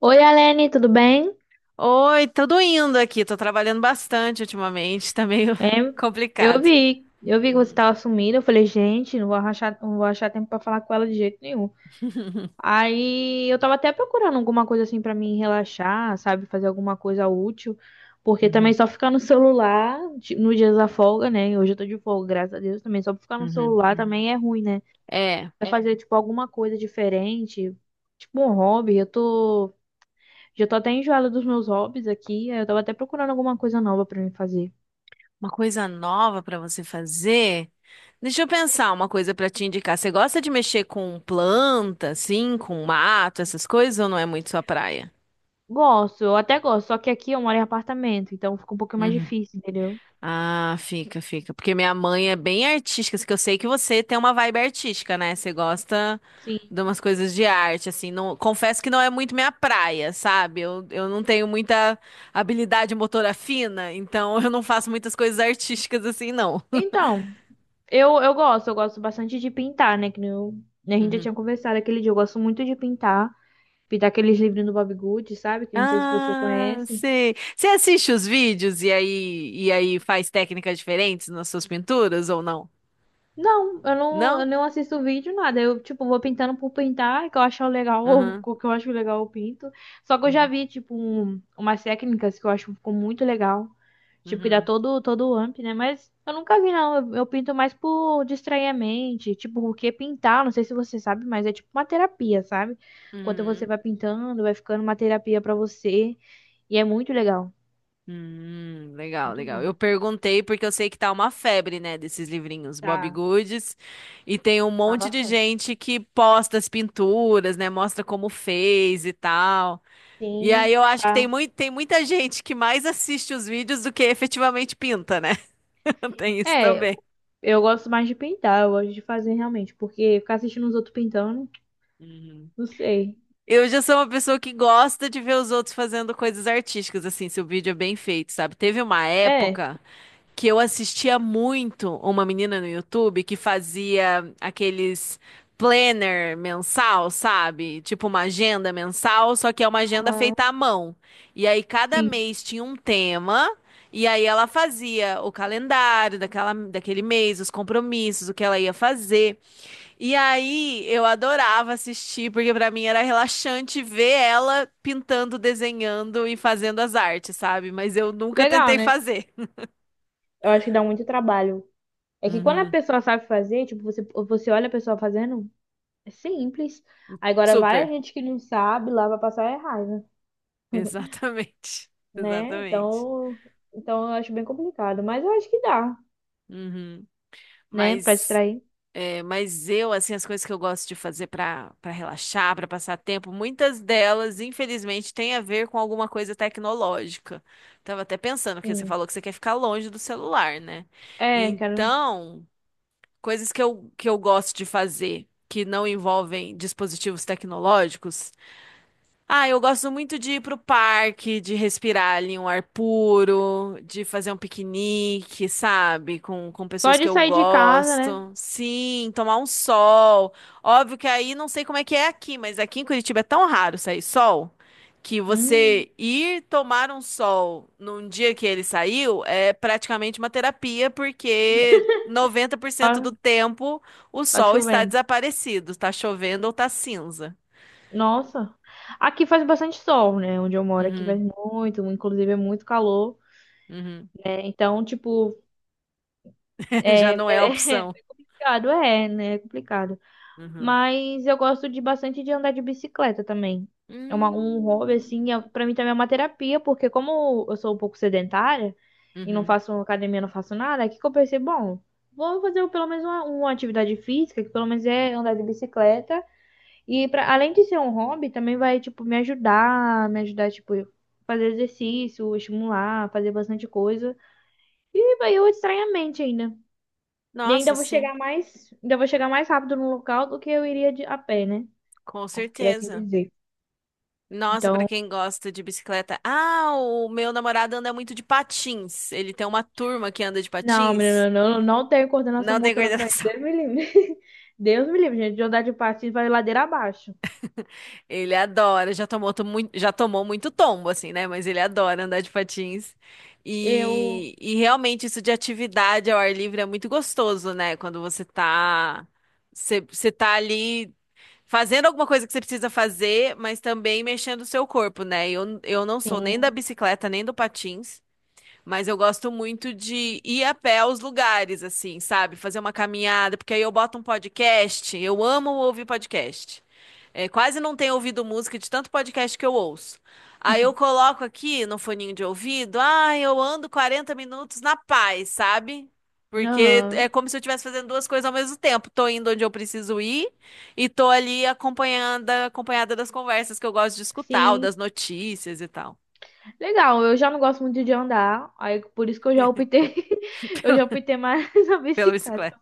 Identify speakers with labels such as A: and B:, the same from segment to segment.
A: Oi, Alene, tudo bem?
B: Oi, tudo indo aqui. Tô trabalhando bastante ultimamente, tá meio
A: É, eu
B: complicado.
A: vi, eu vi que você
B: Uhum.
A: estava sumida. Eu falei, gente, não vou achar tempo para falar com ela de jeito nenhum. Aí eu tava até procurando alguma coisa assim para me relaxar, sabe, fazer alguma coisa útil, porque também
B: Uhum.
A: só ficar no celular nos dias da folga, né? Hoje eu tô de folga, graças a Deus, também só ficar no
B: Uhum.
A: celular também é ruim, né?
B: É,
A: Vai, é, fazer tipo alguma coisa diferente, tipo um hobby. Já tô até enjoada dos meus hobbies aqui. Eu tava até procurando alguma coisa nova para me fazer.
B: uma coisa nova pra você fazer. Deixa eu pensar uma coisa pra te indicar. Você gosta de mexer com planta, assim, com mato, essas coisas, ou não é muito sua praia?
A: Gosto, eu até gosto, só que aqui eu moro em apartamento, então fica um pouquinho mais difícil, entendeu?
B: Ah, fica, fica. Porque minha mãe é bem artística, assim, que eu sei que você tem uma vibe artística, né? Você gosta
A: Sim.
B: de umas coisas de arte, assim. Não, confesso que não é muito minha praia, sabe? Eu não tenho muita habilidade motora fina, então eu não faço muitas coisas artísticas assim, não.
A: Então, eu gosto bastante de pintar, né? Que nem eu, né, a gente já
B: Uhum.
A: tinha conversado aquele dia, eu gosto muito de pintar aqueles livros do Bob Good, sabe? Que não sei se você
B: Ah,
A: conhece.
B: sei. Você assiste os vídeos e aí, faz técnicas diferentes nas suas pinturas ou não?
A: Não, eu não, eu
B: Não?
A: não assisto vídeo, nada. Eu, tipo, vou pintando por pintar, que eu acho legal,
B: Uhum.
A: o que eu acho legal eu pinto. Só que eu já
B: Uhum.
A: vi, tipo, umas técnicas que eu acho que ficou muito legal. Tipo, que dá
B: Uhum.
A: todo o amp, né? Mas eu nunca vi, não. Eu pinto mais por distrair a mente. Tipo, porque pintar, não sei se você sabe, mas é tipo uma terapia, sabe? Enquanto você
B: Uhum.
A: vai pintando, vai ficando uma terapia pra você. E é muito legal.
B: Legal,
A: Muito
B: legal.
A: bom.
B: Eu perguntei porque eu sei que tá uma febre, né, desses livrinhos Bob
A: Tá,
B: Goods, e tem um
A: tá
B: monte de
A: bastante.
B: gente que posta as pinturas, né, mostra como fez e tal. E aí
A: Sim,
B: eu acho que
A: tá.
B: tem muita gente que mais assiste os vídeos do que efetivamente pinta, né? Tem isso
A: É,
B: também.
A: eu gosto mais de pintar, eu gosto de fazer realmente, porque ficar assistindo os outros pintando,
B: Uhum.
A: não sei.
B: Eu já sou uma pessoa que gosta de ver os outros fazendo coisas artísticas, assim, se o vídeo é bem feito, sabe? Teve uma
A: É.
B: época que eu assistia muito uma menina no YouTube que fazia aqueles planner mensal, sabe? Tipo uma agenda mensal, só que é uma agenda
A: Aham.
B: feita à mão. E aí cada
A: Sim.
B: mês tinha um tema. E aí ela fazia o calendário daquele mês, os compromissos, o que ela ia fazer. E aí eu adorava assistir, porque pra mim era relaxante ver ela pintando, desenhando e fazendo as artes, sabe? Mas eu nunca
A: Legal,
B: tentei
A: né?
B: fazer.
A: Eu acho que dá muito trabalho. É que quando a
B: Uhum.
A: pessoa sabe fazer, tipo, você olha a pessoa fazendo, é simples. Agora vai a
B: Super,
A: gente que não sabe, lá vai passar é raiva,
B: exatamente,
A: né?
B: exatamente.
A: Então eu acho bem complicado, mas eu acho que dá,
B: Uhum.
A: né, pra
B: Mas,
A: distrair.
B: mas eu, assim, as coisas que eu gosto de fazer para relaxar, para passar tempo, muitas delas, infelizmente, têm a ver com alguma coisa tecnológica. Tava até pensando, porque você
A: Sim.
B: falou que você quer ficar longe do celular, né?
A: É, quero
B: Então, coisas que eu gosto de fazer que não envolvem dispositivos tecnológicos. Ah, eu gosto muito de ir pro parque, de respirar ali um ar puro, de fazer um piquenique, sabe? Com
A: só
B: pessoas que
A: de
B: eu
A: sair de casa, né?
B: gosto. Sim, tomar um sol. Óbvio que aí não sei como é que é aqui, mas aqui em Curitiba é tão raro sair sol que
A: Hum,
B: você ir tomar um sol num dia que ele saiu é praticamente uma terapia, porque 90%
A: tá.
B: do tempo o
A: Tá
B: sol está
A: chovendo.
B: desaparecido, está chovendo ou está cinza.
A: Nossa. Aqui faz bastante sol, né? Onde eu moro aqui faz
B: Uhum,
A: muito, inclusive é muito calor.
B: uhum.
A: É, então, tipo,
B: Já
A: é,
B: não é a
A: é
B: opção.
A: complicado, é, né? É complicado.
B: Uhum.
A: Mas eu gosto de bastante de andar de bicicleta também. É um hobby,
B: Hum.
A: assim, é, pra mim também é uma terapia, porque como eu sou um pouco sedentária e não
B: Uhum.
A: faço academia, não faço nada, aqui que eu pensei, bom, vou fazer pelo menos uma atividade física, que pelo menos é andar de bicicleta. E pra, além de ser um hobby, também vai, tipo, me ajudar, tipo, fazer exercício, estimular, fazer bastante coisa. E vai eu distrair a mente ainda. E ainda
B: Nossa, sim,
A: vou chegar mais rápido no local do que eu iria de, a pé, né?
B: com
A: Por assim
B: certeza.
A: dizer.
B: Nossa, pra
A: Então,
B: quem gosta de bicicleta. Ah, o meu namorado anda muito de patins. Ele tem uma turma que anda de
A: não, menina,
B: patins.
A: eu não, não tenho coordenação
B: Não tem
A: motora pra isso.
B: coordenação.
A: Deus me livre. Deus me livre, gente, de andar de patins vai ladeira abaixo.
B: Ele adora, já tomou muito tombo, assim, né? Mas ele adora andar de patins.
A: Eu,
B: E realmente isso de atividade ao ar livre é muito gostoso, né? Quando você tá. Você tá ali fazendo alguma coisa que você precisa fazer, mas também mexendo o seu corpo, né? Eu não sou nem da
A: sim.
B: bicicleta, nem do patins. Mas eu gosto muito de ir a pé aos lugares, assim, sabe? Fazer uma caminhada, porque aí eu boto um podcast. Eu amo ouvir podcast. É, quase não tenho ouvido música de tanto podcast que eu ouço. Aí eu coloco aqui no foninho de ouvido, eu ando 40 minutos na paz, sabe? Porque é
A: Aham.
B: como se eu estivesse fazendo duas coisas ao mesmo tempo. Tô indo onde eu preciso ir e tô ali acompanhada das conversas que eu gosto de escutar, ou
A: Sim.
B: das notícias e tal,
A: Legal, eu já não gosto muito de andar, aí por isso que eu já optei mais na
B: pela bicicleta.
A: bicicleta.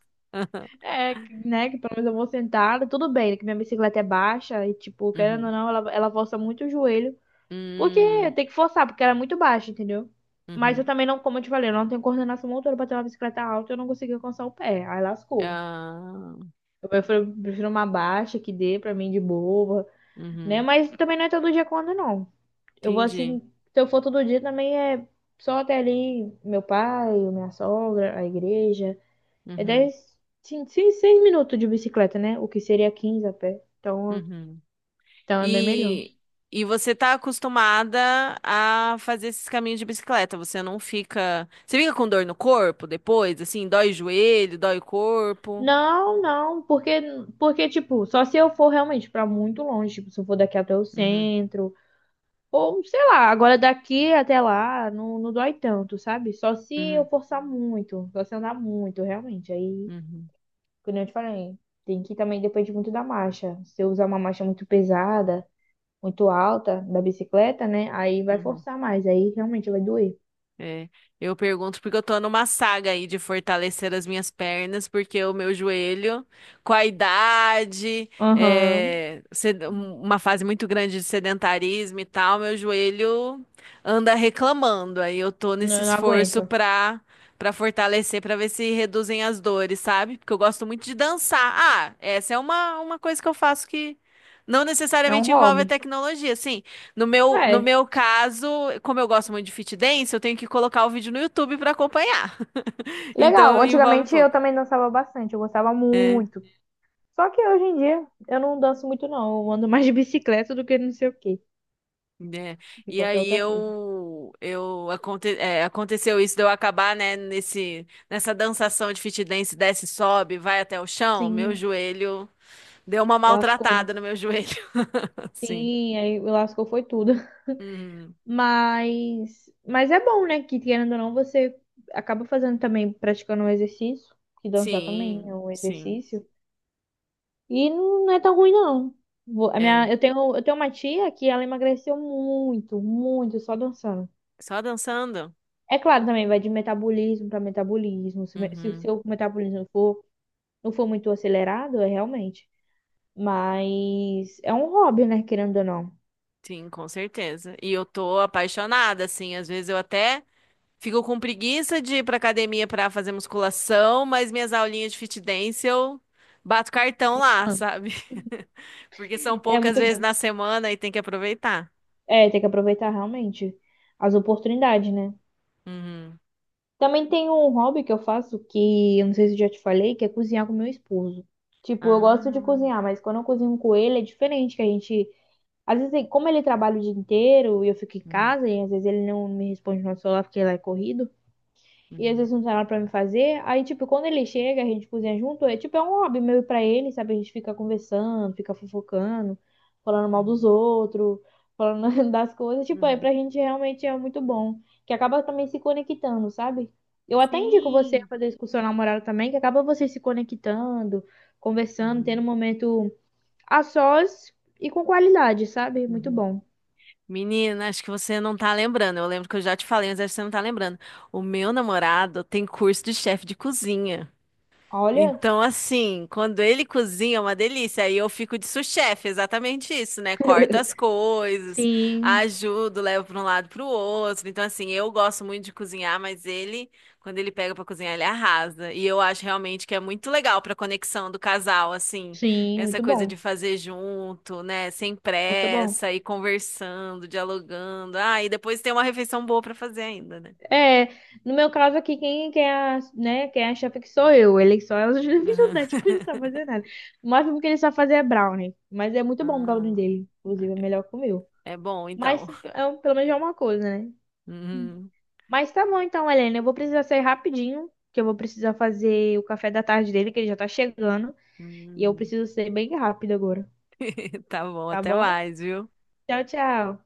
A: É, que, né, que pelo menos eu vou sentada, tudo bem, né, que minha bicicleta é baixa e, tipo, querendo ou não, ela força muito o joelho, porque
B: Hum,
A: tem que forçar, porque ela é muito baixa, entendeu? Mas eu
B: uhum.
A: também não, como eu te falei, eu não tenho coordenação motora pra ter uma bicicleta alta, eu não consegui alcançar o pé, aí lascou.
B: Ah,
A: Prefiro uma baixa que dê pra mim de boa, né?
B: uhum.
A: Mas também não é todo dia quando não. Eu vou
B: Entendi.
A: assim, se eu for todo dia também é só até ali meu pai, minha sogra, a igreja. É
B: Uhum,
A: 10, 5, 6 minutos de bicicleta, né? O que seria 15 a pé.
B: uhum.
A: Então é bem melhor.
B: E, e você está acostumada a fazer esses caminhos de bicicleta? Você não fica. Você fica com dor no corpo depois? Assim, dói o joelho, dói o corpo?
A: Não, não, porque, tipo, só se eu for realmente pra muito longe, tipo, se eu for daqui até o
B: Uhum,
A: centro, ou sei lá, agora daqui até lá não dói tanto, sabe? Só se eu
B: uhum,
A: forçar muito, só se andar muito, realmente. Aí
B: uhum,
A: como eu te falei, tem que também depende muito da marcha. Se eu usar uma marcha muito pesada, muito alta da bicicleta, né? Aí vai
B: uhum.
A: forçar mais, aí realmente vai doer.
B: É, eu pergunto porque eu tô numa saga aí de fortalecer as minhas pernas, porque o meu joelho, com a idade,
A: Aham.
B: uma fase muito grande de sedentarismo e tal, meu joelho anda reclamando. Aí eu tô nesse
A: Não, não
B: esforço
A: aguento.
B: pra fortalecer, pra ver se reduzem as dores, sabe? Porque eu gosto muito de dançar. Ah, essa é uma coisa que eu faço que não
A: É um
B: necessariamente envolve a
A: hobby.
B: tecnologia. Sim, no
A: É,
B: meu caso, como eu gosto muito de fit dance, eu tenho que colocar o vídeo no YouTube para acompanhar. Então
A: legal.
B: envolve um
A: Antigamente eu
B: pouco.
A: também dançava bastante, eu gostava
B: É,
A: muito. Só que hoje em dia eu não danço muito, não. Eu ando mais de bicicleta do que não sei o quê,
B: né?
A: de
B: E
A: qualquer
B: aí
A: outra coisa.
B: aconteceu isso de eu acabar, né, nessa dançação de fit dance, desce, sobe, vai até o chão, meu
A: Sim,
B: joelho deu uma
A: lascou, né?
B: maltratada no meu joelho, assim.
A: Sim, aí lascou foi tudo.
B: Uhum.
A: Mas é bom, né? Que querendo ou não, você acaba fazendo também, praticando um exercício, que dançar também é
B: Sim,
A: um
B: sim.
A: exercício. E não é tão ruim, não. Vou- A
B: É,
A: minha, eu tenho uma tia que ela emagreceu muito, muito, só dançando.
B: só dançando.
A: É claro, também vai de metabolismo para metabolismo. Se o
B: Uhum.
A: seu metabolismo for, não for muito acelerado, é realmente. Mas é um hobby, né? Querendo ou não.
B: Sim, com certeza. E eu tô apaixonada, assim, às vezes eu até fico com preguiça de ir pra academia pra fazer musculação, mas minhas aulinhas de fit dance eu bato cartão lá,
A: Ah,
B: sabe? Porque são
A: é
B: poucas
A: muito
B: vezes
A: bom.
B: na semana e tem que aproveitar.
A: É, tem que aproveitar realmente as oportunidades, né?
B: Uhum.
A: Também tem um hobby que eu faço que eu não sei se eu já te falei, que é cozinhar com meu esposo. Tipo, eu gosto de
B: Ah,
A: cozinhar, mas quando eu cozinho com ele é diferente, que a gente. Às vezes, como ele trabalha o dia inteiro e eu fico em
B: uhum,
A: casa, e às vezes ele não me responde no celular porque lá é corrido. E às
B: uhum,
A: vezes não tem nada pra me fazer. Aí, tipo, quando ele chega, a gente cozinha junto. É tipo, é um hobby meio pra ele, sabe? A gente fica conversando, fica fofocando, falando mal dos
B: uhum,
A: outros, falando das coisas. Tipo, é
B: uhum.
A: pra gente realmente é muito bom. Que acaba também se conectando, sabe? Eu até indico você a
B: Sim.
A: fazer isso com namorado também, que acaba você se conectando, conversando, tendo um
B: Uhum,
A: momento a sós e com qualidade, sabe? Muito
B: uhum.
A: bom.
B: Menina, acho que você não tá lembrando. Eu lembro que eu já te falei, mas acho que você não tá lembrando. O meu namorado tem curso de chefe de cozinha.
A: Olha,
B: Então, assim, quando ele cozinha é uma delícia. Aí eu fico de sous-chefe, exatamente isso, né? Corto as coisas,
A: sim,
B: ajudo, levo para um lado para o outro. Então, assim, eu gosto muito de cozinhar, mas ele, quando ele pega para cozinhar, ele arrasa. E eu acho realmente que é muito legal para conexão do casal, assim,
A: sim,
B: essa
A: muito
B: coisa
A: bom.
B: de fazer junto, né? Sem
A: Muito bom.
B: pressa, e conversando, dialogando. Ah, e depois tem uma refeição boa para fazer ainda, né?
A: É, no meu caso aqui, quem é a chefe que sou eu. Ele só é o
B: Aham.
A: ajudante, que ele não sabe fazer nada. O máximo que ele sabe fazer é brownie. Mas é muito bom o
B: Ah,
A: brownie dele. Inclusive, é melhor que o meu.
B: é bom, então.
A: Mas pelo menos é uma coisa, né? Hum.
B: Uhum,
A: Mas tá bom então, Helena. Eu vou precisar sair rapidinho, que eu vou precisar fazer o café da tarde dele, que ele já tá chegando. E eu
B: uhum.
A: preciso ser bem rápido agora,
B: Tá bom,
A: tá
B: até
A: bom?
B: mais, viu?
A: Tchau, tchau.